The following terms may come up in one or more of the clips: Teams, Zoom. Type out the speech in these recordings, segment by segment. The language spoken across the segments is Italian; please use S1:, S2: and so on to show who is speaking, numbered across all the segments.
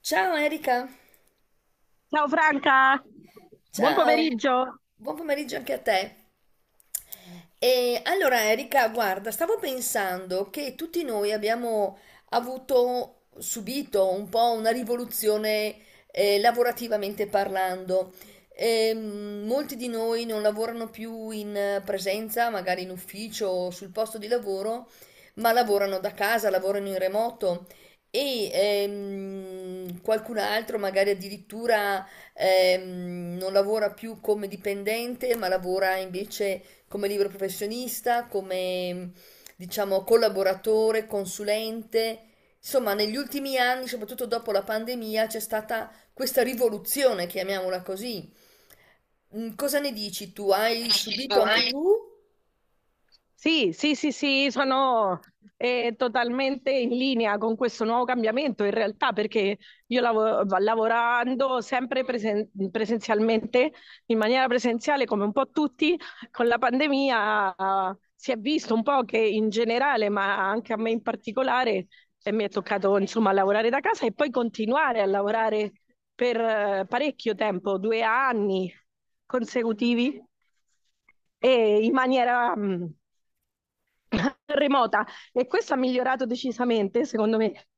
S1: Ciao Erika,
S2: Ciao Franca, buon
S1: ciao,
S2: pomeriggio.
S1: buon pomeriggio anche a te. E allora Erika, guarda, stavo pensando che tutti noi abbiamo avuto, subito un po' una rivoluzione lavorativamente parlando. Molti di noi non lavorano più in presenza, magari in ufficio o sul posto di lavoro, ma lavorano da casa, lavorano in remoto e qualcun altro magari addirittura non lavora più come dipendente, ma lavora invece come libero professionista, come diciamo collaboratore, consulente. Insomma, negli ultimi anni, soprattutto dopo la pandemia, c'è stata questa rivoluzione, chiamiamola così. Cosa ne dici tu? Hai subito anche tu?
S2: Sì, sì, sì, sì, sono totalmente in linea con questo nuovo cambiamento in realtà perché io lavorando sempre presenzialmente, in maniera presenziale come un po' tutti, con la pandemia si è visto un po' che in generale, ma anche a me in particolare, mi è toccato insomma lavorare da casa e poi continuare a lavorare per parecchio tempo, due anni consecutivi e in maniera. Remota, e questo ha migliorato decisamente, secondo me,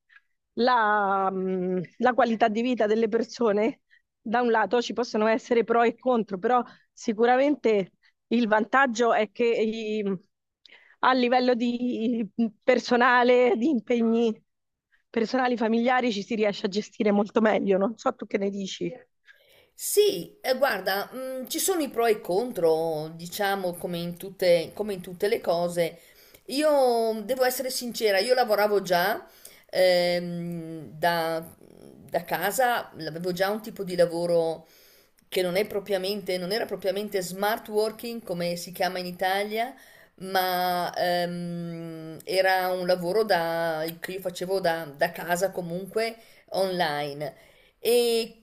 S2: la qualità di vita delle persone. Da un lato ci possono essere pro e contro, però sicuramente il vantaggio è che a livello di personale, di impegni personali familiari ci si riesce a gestire molto meglio. Non so tu che ne dici.
S1: Sì, guarda, ci sono i pro e i contro, diciamo, come in tutte le cose. Io devo essere sincera, io lavoravo già ehm, da, da casa, avevo già un tipo di lavoro che non è propriamente, non era propriamente smart working, come si chiama in Italia, ma era un lavoro che io facevo da casa comunque online. E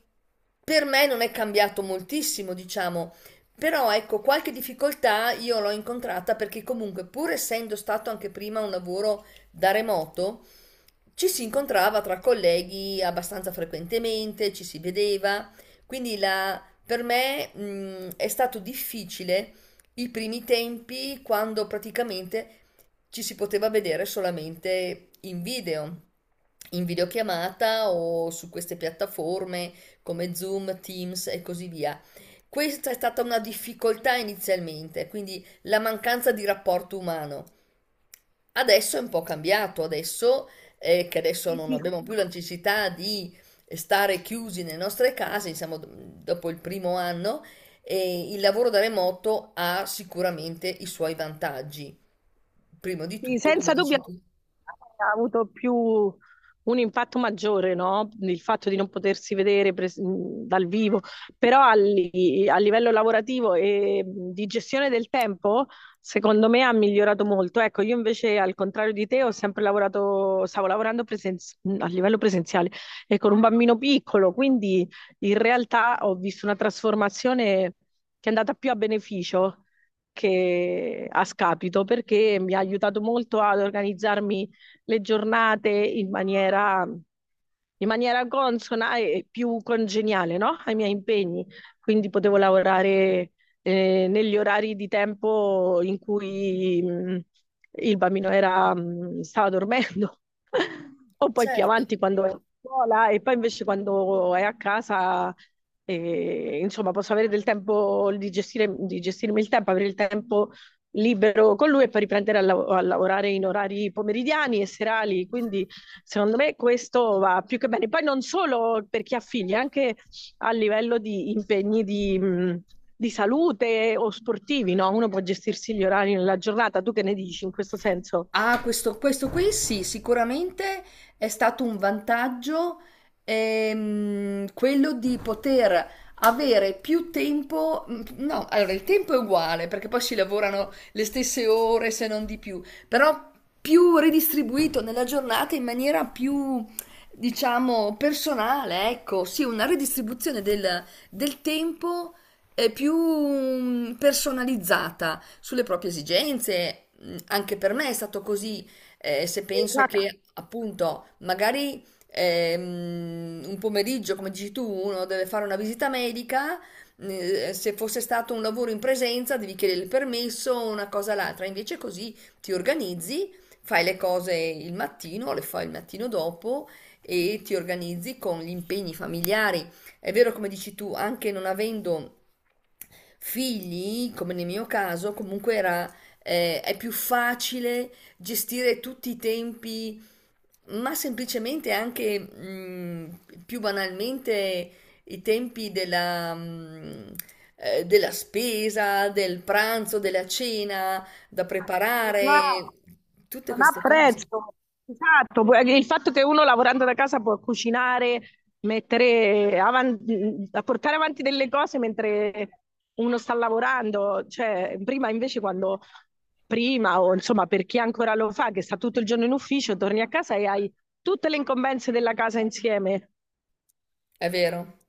S1: per me non è cambiato moltissimo, diciamo, però ecco, qualche difficoltà io l'ho incontrata perché comunque, pur essendo stato anche prima un lavoro da remoto, ci si incontrava tra colleghi abbastanza frequentemente, ci si vedeva, quindi per me, è stato difficile i primi tempi quando praticamente ci si poteva vedere solamente in video, in videochiamata o su queste piattaforme come Zoom, Teams e così via. Questa è stata una difficoltà inizialmente, quindi la mancanza di rapporto umano. Adesso è un po' cambiato, adesso che adesso
S2: Sì,
S1: non
S2: sì.
S1: abbiamo più la necessità di stare chiusi nelle nostre case, siamo dopo il primo anno, e il lavoro da remoto ha sicuramente i suoi vantaggi. Prima di
S2: Sì,
S1: tutto, come
S2: senza
S1: dici
S2: dubbio
S1: tu,
S2: ha avuto più un impatto maggiore, no? Il fatto di non potersi vedere dal vivo, però a livello lavorativo e di gestione del tempo, secondo me ha migliorato molto. Ecco, io invece, al contrario di te, ho sempre lavorato, stavo lavorando a livello presenziale e con un bambino piccolo, quindi in realtà ho visto una trasformazione che è andata più a beneficio che a scapito perché mi ha aiutato molto ad organizzarmi le giornate in maniera consona e più congeniale, no? Ai miei impegni. Quindi potevo lavorare negli orari di tempo in cui il bambino stava dormendo, o poi più
S1: certo.
S2: avanti quando è a scuola, e poi invece quando è a casa e, insomma, posso avere del tempo di gestire, di gestirmi il tempo, avere il tempo libero con lui e poi riprendere a lavorare in orari pomeridiani e serali. Quindi, secondo me, questo va più che bene. Poi non solo per chi ha figli, anche a livello di impegni di di salute o sportivi, no? Uno può gestirsi gli orari nella giornata. Tu che ne dici in questo senso?
S1: Ah, questo qui sì, sicuramente è stato un vantaggio quello di poter avere più tempo. No, allora il tempo è uguale perché poi si lavorano le stesse ore se non di più, però più ridistribuito nella giornata in maniera più, diciamo, personale, ecco, sì, una ridistribuzione del tempo più personalizzata sulle proprie esigenze. Anche per me è stato così, se penso
S2: Esatto.
S1: che appunto magari un pomeriggio, come dici tu, uno deve fare una visita medica, se fosse stato un lavoro in presenza devi chiedere il permesso, una cosa l'altra, invece così ti organizzi, fai le cose il mattino, le fai il mattino dopo e ti organizzi con gli impegni familiari. È vero, come dici tu, anche non avendo figli, come nel mio caso, comunque era, è più facile gestire tutti i tempi, ma semplicemente anche più banalmente i tempi della spesa, del pranzo, della cena da
S2: No,
S1: preparare, tutte
S2: non
S1: queste cose.
S2: apprezzo. Esatto, poi il fatto che uno lavorando da casa può cucinare, mettere avanti, portare avanti delle cose mentre uno sta lavorando, cioè prima invece quando prima o insomma per chi ancora lo fa che sta tutto il giorno in ufficio, torni a casa e hai tutte le incombenze della casa insieme.
S1: È vero,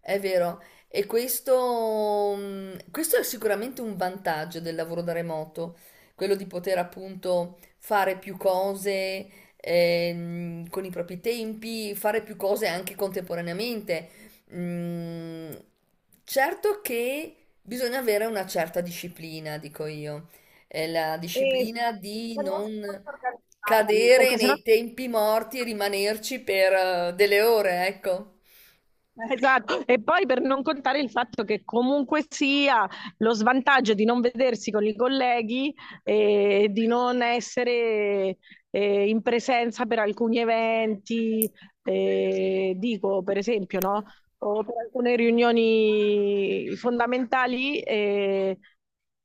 S1: è vero. E questo, questo è sicuramente un vantaggio del lavoro da remoto, quello di poter appunto fare più cose con i propri tempi, fare più cose anche contemporaneamente. Mm, certo che bisogna avere una certa disciplina, dico io. È la
S2: E
S1: disciplina di
S2: bisogna essere
S1: non
S2: molto organizzati,
S1: cadere
S2: perché sennò...
S1: nei tempi morti e rimanerci per delle ore, ecco.
S2: Esatto, e poi per non contare il fatto che comunque sia lo svantaggio di non vedersi con i colleghi e di non essere in presenza per alcuni eventi, dico per esempio, no? O per alcune riunioni fondamentali,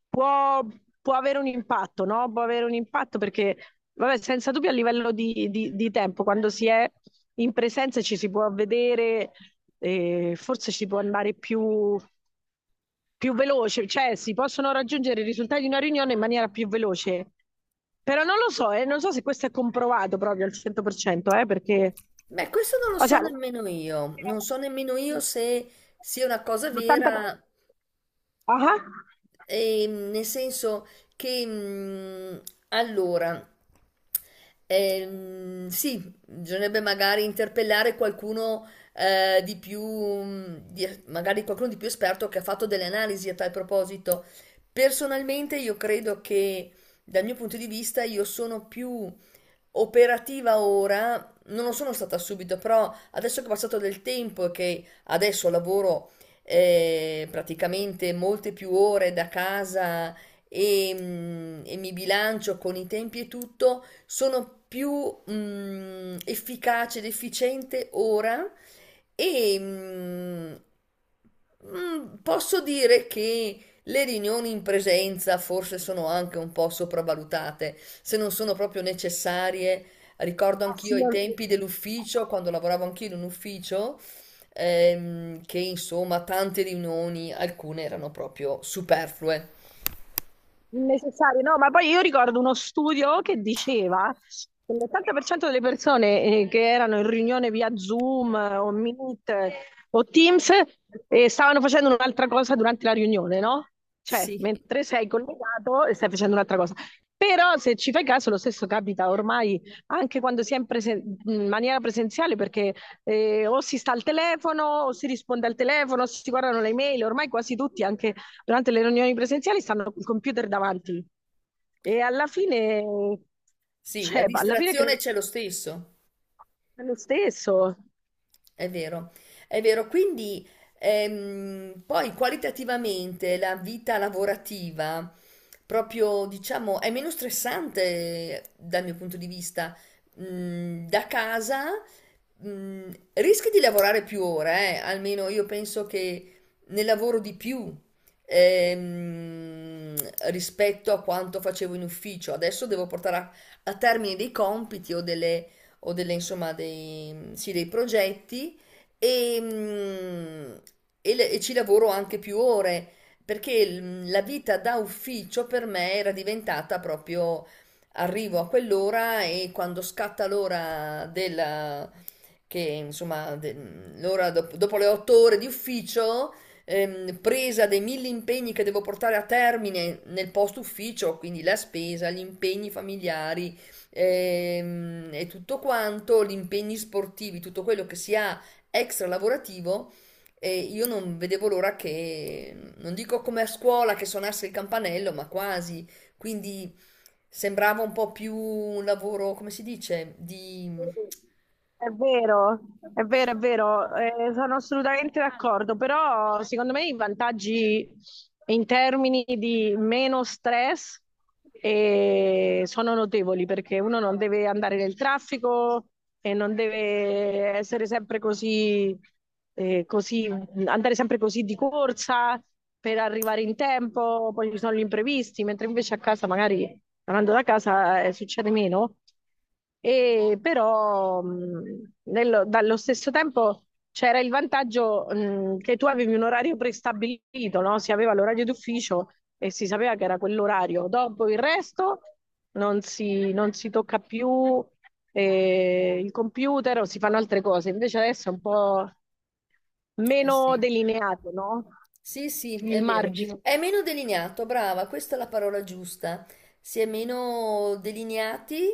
S2: può, può avere un impatto, no? Può avere un impatto perché, vabbè, senza dubbio a livello di tempo, quando si è in presenza e ci si può vedere e forse ci può andare più veloce, cioè si possono raggiungere i risultati di una riunione in maniera più veloce. Però non lo so, non so se questo è comprovato proprio al 100%, perché
S1: Beh, questo non lo
S2: o
S1: so
S2: sea,
S1: nemmeno io, non so nemmeno io se sia una cosa
S2: l'80...
S1: vera,
S2: Ah,
S1: nel senso che allora, sì, bisognerebbe magari interpellare qualcuno magari qualcuno di più esperto che ha fatto delle analisi a tal proposito. Personalmente io credo che dal mio punto di vista io sono più operativa ora non lo sono stata subito, però adesso che è passato del tempo e che adesso lavoro praticamente molte più ore da casa e, e mi bilancio con i tempi e tutto, sono più efficace ed efficiente ora e posso dire che le riunioni in presenza forse sono anche un po' sopravvalutate, se non sono proprio necessarie. Ricordo
S2: ah, sì,
S1: anch'io i tempi dell'ufficio, quando lavoravo anch'io in un ufficio, che insomma tante riunioni, alcune erano proprio superflue.
S2: necessario, no, ma poi io ricordo uno studio che diceva che l'80% delle persone che erano in riunione via Zoom o Meet o Teams stavano facendo un'altra cosa durante la riunione, no? Cioè,
S1: Sì,
S2: mentre sei collegato e stai facendo un'altra cosa. Però se ci fai caso, lo stesso capita ormai anche quando si è in maniera presenziale, perché o si sta al telefono, o si risponde al telefono, o si guardano le email, ormai quasi tutti, anche durante le riunioni presenziali stanno col computer davanti e alla fine,
S1: sì, la
S2: cioè, alla fine credo
S1: distrazione
S2: che
S1: c'è lo stesso.
S2: sia lo stesso.
S1: È vero, è vero. Quindi poi qualitativamente la vita lavorativa, proprio diciamo, è meno stressante dal mio punto di vista. Da casa mm, rischi di lavorare più ore, almeno io penso che ne lavoro di più ehm, rispetto a quanto facevo in ufficio. Adesso devo portare a termine dei compiti insomma, dei, sì, dei progetti e, e e ci lavoro anche più ore perché la vita da ufficio per me era diventata proprio arrivo a quell'ora e quando scatta l'ora che insomma, l'ora dopo le otto ore di ufficio, presa dei mille impegni che devo portare a termine nel post ufficio, quindi la spesa, gli impegni familiari, e tutto quanto, gli impegni sportivi, tutto quello che si ha extra lavorativo. E io non vedevo l'ora che, non dico come a scuola che suonasse il campanello, ma quasi. Quindi sembrava un po' più un lavoro, come si dice, di...
S2: È vero, è vero, è vero, sono assolutamente d'accordo, però secondo me i vantaggi in termini di meno stress sono notevoli perché uno non deve andare nel traffico e non deve essere sempre così, andare sempre così di corsa per arrivare in tempo, poi ci sono gli imprevisti, mentre invece a casa magari tornando da casa succede meno, e però dallo stesso tempo c'era il vantaggio che tu avevi un orario prestabilito, no? Si aveva l'orario d'ufficio e si sapeva che era quell'orario. Dopo il resto non si, non si tocca più il computer o si fanno altre cose. Invece adesso è un po'
S1: Eh
S2: meno
S1: sì.
S2: delineato, no?
S1: Sì, sì,
S2: Il
S1: è vero.
S2: margine.
S1: È meno delineato, brava, questa è la parola giusta. Si è meno delineati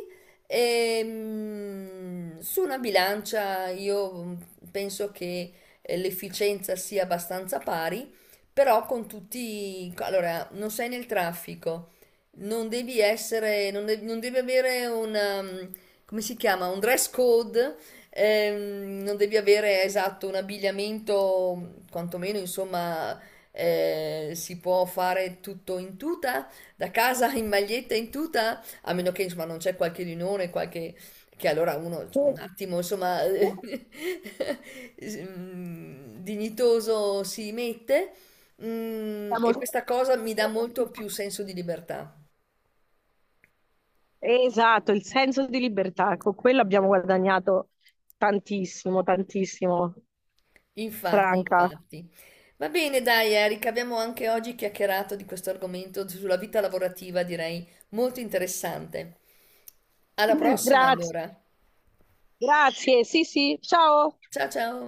S1: e su una bilancia io penso che l'efficienza sia abbastanza pari, però con tutti... Allora, non sei nel traffico, non devi essere, non devi, non devi avere una... come si chiama? Un dress code. Non devi avere esatto un abbigliamento, quantomeno insomma, si può fare tutto in tuta, da casa in maglietta in tuta, a meno che insomma non c'è qualche riunione, qualche che allora uno un attimo insomma dignitoso si mette
S2: Siamo...
S1: e questa cosa mi dà molto più senso di libertà.
S2: Esatto, il senso di libertà, con quello abbiamo guadagnato tantissimo, tantissimo,
S1: Infatti,
S2: Franca.
S1: infatti. Va bene, dai, Eric, abbiamo anche oggi chiacchierato di questo argomento sulla vita lavorativa, direi molto interessante. Alla prossima,
S2: Grazie,
S1: allora.
S2: grazie, sì, sì, ciao.
S1: Ciao ciao.